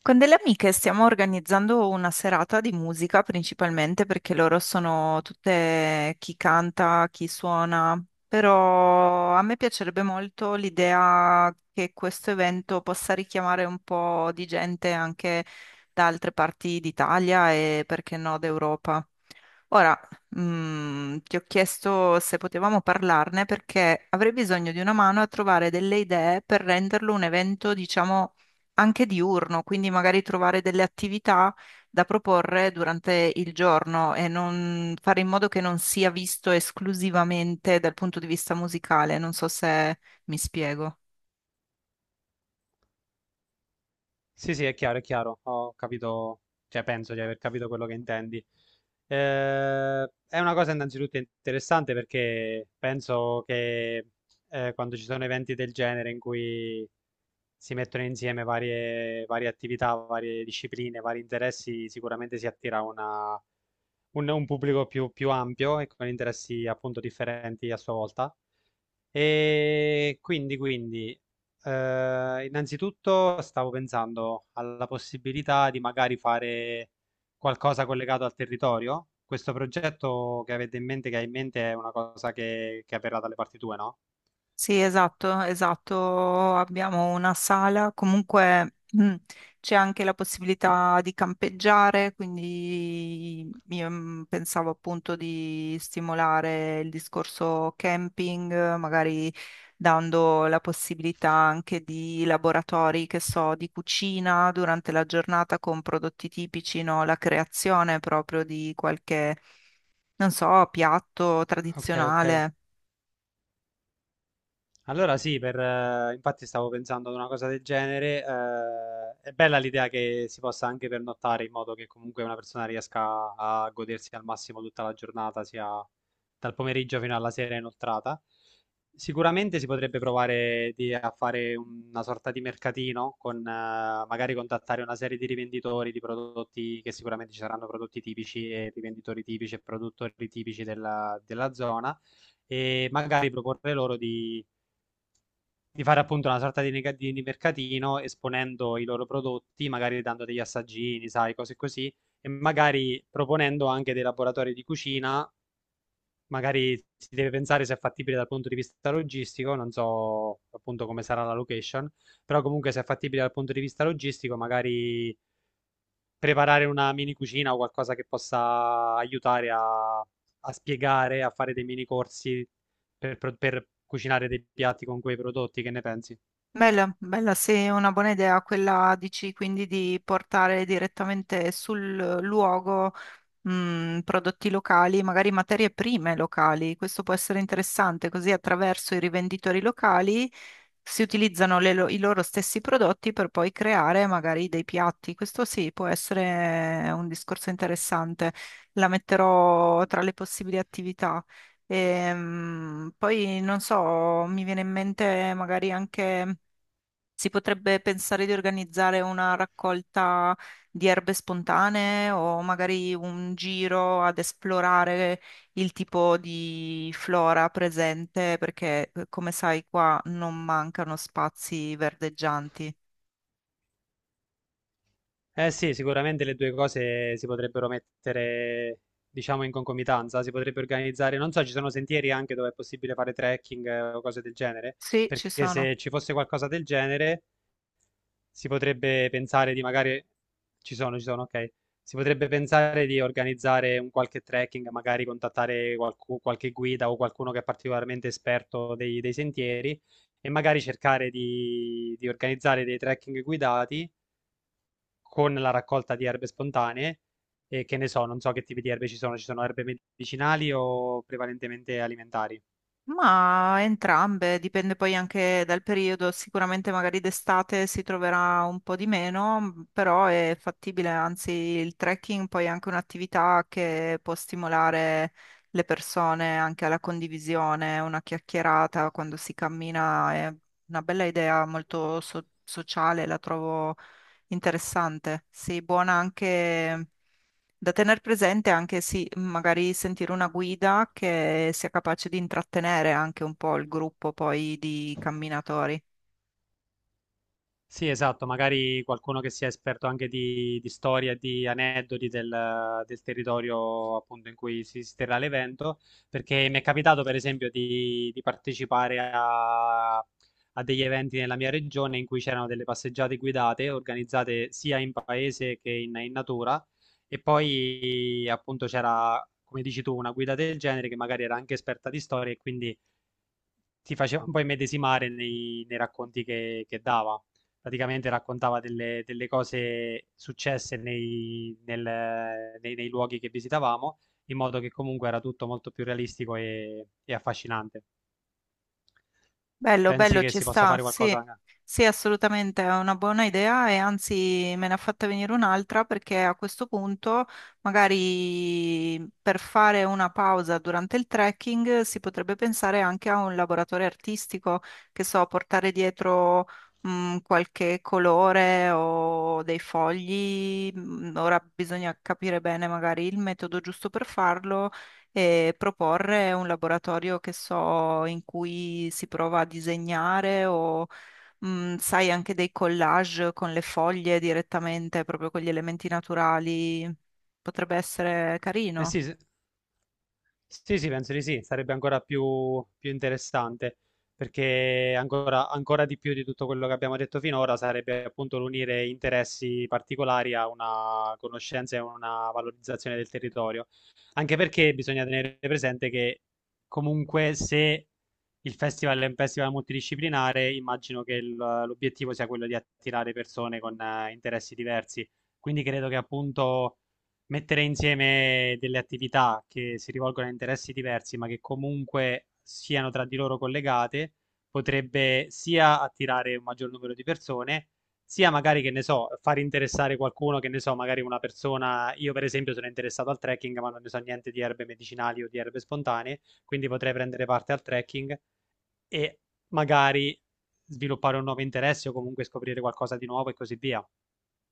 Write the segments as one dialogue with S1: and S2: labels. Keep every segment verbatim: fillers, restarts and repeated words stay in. S1: Con delle amiche stiamo organizzando una serata di musica principalmente perché loro sono tutte chi canta, chi suona, però a me piacerebbe molto l'idea che questo evento possa richiamare un po' di gente anche da altre parti d'Italia e perché no d'Europa. Ora, mm, ti ho chiesto se potevamo parlarne perché avrei bisogno di una mano a trovare delle idee per renderlo un evento, diciamo, anche diurno, quindi magari trovare delle attività da proporre durante il giorno e non fare in modo che non sia visto esclusivamente dal punto di vista musicale. Non so se mi spiego.
S2: Sì, sì, è chiaro, è chiaro. Ho capito, cioè penso di aver capito quello che intendi. Eh, è una cosa innanzitutto interessante perché penso che eh, quando ci sono eventi del genere in cui si mettono insieme varie, varie attività, varie discipline, vari interessi, sicuramente si attira una- un, un pubblico più, più ampio e con interessi appunto differenti a sua volta. E quindi, quindi, eh, innanzitutto stavo pensando alla possibilità di magari fare qualcosa collegato al territorio. Questo progetto che avete in mente, che hai in mente, è una cosa che, che avverrà dalle parti tue, no?
S1: Sì, esatto, esatto. Abbiamo una sala, comunque mm, c'è anche la possibilità di campeggiare, quindi io mm, pensavo appunto di stimolare il discorso camping, magari dando la possibilità anche di laboratori, che so, di cucina durante la giornata con prodotti tipici, no? La creazione proprio di qualche, non so, piatto
S2: Ok, ok.
S1: tradizionale.
S2: Allora sì, per, eh, infatti stavo pensando ad una cosa del genere. Eh, è bella l'idea che si possa anche pernottare in modo che comunque una persona riesca a godersi al massimo tutta la giornata, sia dal pomeriggio fino alla sera inoltrata. Sicuramente si potrebbe provare di- a fare una sorta di mercatino con eh, magari contattare una serie di rivenditori di prodotti che sicuramente ci saranno prodotti tipici e rivenditori tipici e produttori tipici della della zona e magari proporre loro di di fare appunto una sorta di, nega- di di mercatino esponendo i loro prodotti, magari dando degli assaggini, sai, cose così, e magari proponendo anche dei laboratori di cucina, magari si deve pensare se è fattibile dal punto di vista logistico, non so appunto come sarà la location, però comunque se è fattibile dal punto di vista logistico, magari preparare una mini cucina o qualcosa che possa aiutare a, a spiegare, a fare dei mini corsi per, pro- per cucinare dei piatti con quei prodotti, che ne pensi?
S1: Bella, bella, sì, è una buona idea quella, dici, quindi di portare direttamente sul luogo, mh, prodotti locali, magari materie prime locali. Questo può essere interessante, così attraverso i rivenditori locali si utilizzano le lo- i loro stessi prodotti per poi creare magari dei piatti. Questo sì, può essere un discorso interessante. La metterò tra le possibili attività. Ehm, poi non so, mi viene in mente magari anche si potrebbe pensare di organizzare una raccolta di erbe spontanee o magari un giro ad esplorare il tipo di flora presente, perché eh, come sai qua non mancano spazi verdeggianti.
S2: Eh sì, sicuramente le due cose si potrebbero mettere, diciamo, in concomitanza, si potrebbe organizzare, non so, ci sono sentieri anche dove è possibile fare trekking eh, o cose del genere,
S1: Sì, ci
S2: perché
S1: sono.
S2: se ci fosse qualcosa del genere si potrebbe pensare di magari, ci sono, ci sono, ok, si potrebbe pensare di organizzare un qualche trekking, magari contattare qualcu- qualche guida o qualcuno che è particolarmente esperto dei, dei sentieri e magari cercare di di organizzare dei trekking guidati con la raccolta di erbe spontanee e che ne so, non so che tipi di erbe ci sono, ci sono erbe medicinali o prevalentemente alimentari?
S1: Ma entrambe, dipende poi anche dal periodo, sicuramente magari d'estate si troverà un po' di meno, però è fattibile, anzi il trekking poi è anche un'attività che può stimolare le persone anche alla condivisione, una chiacchierata quando si cammina, è una bella idea molto so- sociale, la trovo interessante, sì, buona anche da tener presente, anche sì, magari sentire una guida che sia capace di intrattenere anche un po' il gruppo poi di camminatori.
S2: Sì, esatto, magari qualcuno che sia esperto anche di, di storia e di aneddoti del, del territorio appunto in cui si, si terrà l'evento, perché mi è capitato per esempio di, di partecipare a, a degli eventi nella mia regione in cui c'erano delle passeggiate guidate organizzate sia in paese che in, in natura e poi appunto c'era, come dici tu, una guida del genere che magari era anche esperta di storia e quindi ti faceva un po' immedesimare nei, nei racconti che, che dava. Praticamente raccontava delle, delle cose successe nei, nel- nei- nei luoghi che visitavamo, in modo che comunque era tutto molto più realistico e, e affascinante.
S1: Bello,
S2: Pensi
S1: bello,
S2: che
S1: ci
S2: si possa
S1: sta,
S2: fare
S1: sì,
S2: qualcosa?
S1: sì, assolutamente, è una buona idea e anzi me ne ha fatta venire un'altra perché a questo punto magari per fare una pausa durante il trekking si potrebbe pensare anche a un laboratorio artistico, che so, portare dietro mh, qualche colore o dei fogli, mh, ora bisogna capire bene magari il metodo giusto per farlo e proporre un laboratorio che so in cui si prova a disegnare o mh, sai anche dei collage con le foglie direttamente, proprio con gli elementi naturali. Potrebbe essere
S2: Eh
S1: carino.
S2: sì, se- Sì, sì, penso di sì, sarebbe ancora più, più interessante, perché ancora, ancora di più di tutto quello che abbiamo detto finora sarebbe appunto l'unire interessi particolari a una conoscenza e una valorizzazione del territorio, anche perché bisogna tenere presente che comunque se il festival è un festival multidisciplinare, immagino che il- l'obiettivo sia quello di attirare persone con eh, interessi diversi, quindi credo che appunto mettere insieme delle attività che si rivolgono a interessi diversi, ma che comunque siano tra di loro collegate, potrebbe sia attirare un maggior numero di persone, sia magari, che ne so, far interessare qualcuno, che ne so, magari una persona, io per esempio sono interessato al trekking, ma non ne so niente di erbe medicinali o di erbe spontanee, quindi potrei prendere parte al trekking e magari sviluppare un nuovo interesse o comunque scoprire qualcosa di nuovo e così via.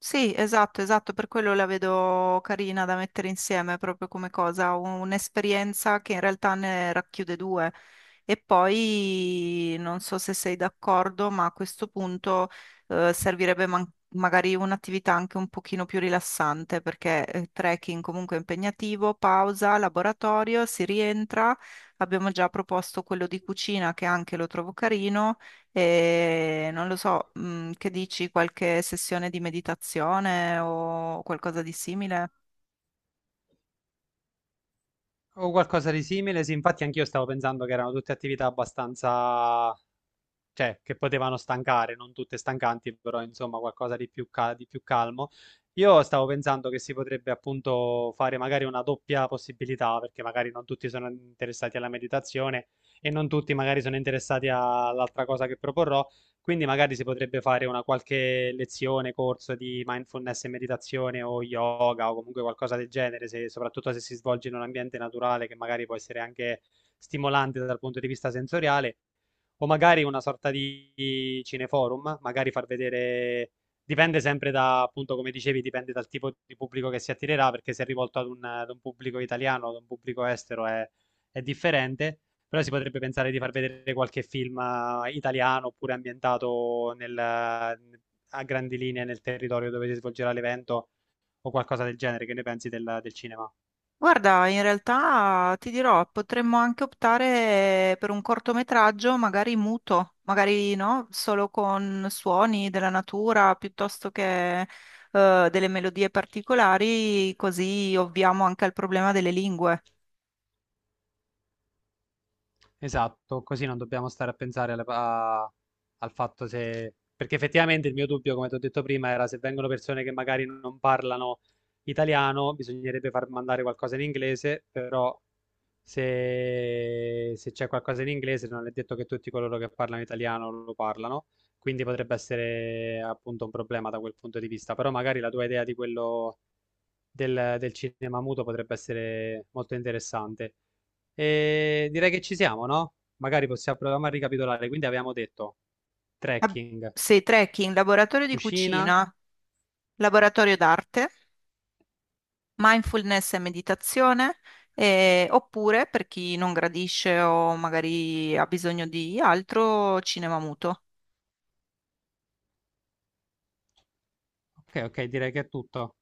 S1: Sì, esatto, esatto, per quello la vedo carina da mettere insieme proprio come cosa, un'esperienza che in realtà ne racchiude due. E poi non so se sei d'accordo, ma a questo punto eh, servirebbe man- magari un'attività anche un pochino più rilassante, perché eh, trekking comunque è impegnativo, pausa, laboratorio, si rientra. Abbiamo già proposto quello di cucina che anche lo trovo carino. E non lo so, mm, che dici, qualche sessione di meditazione o qualcosa di simile?
S2: O qualcosa di simile, sì, infatti anch'io stavo pensando che erano tutte attività abbastanza cioè che potevano stancare, non tutte stancanti, però insomma qualcosa di più, ca- di più calmo. Io stavo pensando che si potrebbe appunto fare magari una doppia possibilità, perché magari non tutti sono interessati alla meditazione e non tutti magari sono interessati a- all'altra cosa che proporrò, quindi magari si potrebbe fare una qualche lezione, corso di mindfulness e meditazione o yoga o comunque qualcosa del genere, se- soprattutto se si svolge in un ambiente naturale che magari può essere anche stimolante dal punto di vista sensoriale o magari una sorta di cineforum, magari far vedere, dipende sempre da, appunto, come dicevi, dipende dal tipo di pubblico che si attirerà, perché se è rivolto ad un, ad un pubblico italiano, ad un pubblico estero è, è differente, però si potrebbe pensare di far vedere qualche film eh, italiano oppure ambientato nel, a grandi linee nel territorio dove si svolgerà l'evento o qualcosa del genere, che ne pensi del, del cinema?
S1: Guarda, in realtà ti dirò, potremmo anche optare per un cortometraggio, magari muto, magari no, solo con suoni della natura piuttosto che eh, delle melodie particolari, così ovviamo anche al problema delle lingue.
S2: Esatto, così non dobbiamo stare a pensare alle- a- al fatto se... Perché effettivamente il mio dubbio, come ti ho detto prima, era se vengono persone che magari non parlano italiano, bisognerebbe far mandare qualcosa in inglese, però se, se c'è qualcosa in inglese non è detto che tutti coloro che parlano italiano lo parlano, quindi potrebbe essere appunto un problema da quel punto di vista, però magari la tua idea di quello del del cinema muto potrebbe essere molto interessante. E direi che ci siamo, no? Magari possiamo provare a ricapitolare. Quindi avevamo detto
S1: Ab-
S2: trekking,
S1: Sei trekking, laboratorio di
S2: cucina.
S1: cucina, laboratorio d'arte. Mindfulness e meditazione, eh, oppure per chi non gradisce o magari ha bisogno di altro, cinema muto.
S2: Ok, ok, direi che è tutto.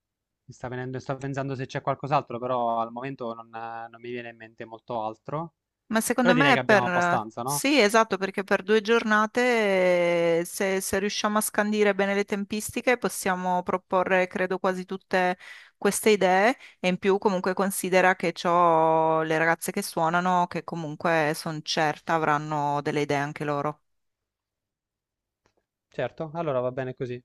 S2: Mi sta venendo, sto pensando se c'è qualcos'altro, però al momento non, eh, non mi viene in mente molto altro.
S1: Ma
S2: Però
S1: secondo
S2: direi
S1: me è
S2: che abbiamo
S1: per...
S2: abbastanza, no?
S1: Sì, esatto, perché per due giornate, eh, se, se riusciamo a scandire bene le tempistiche, possiamo proporre, credo, quasi tutte queste idee e in più comunque considera che c'ho le ragazze che suonano, che comunque sono certa avranno delle idee anche loro.
S2: Certo, allora va bene così.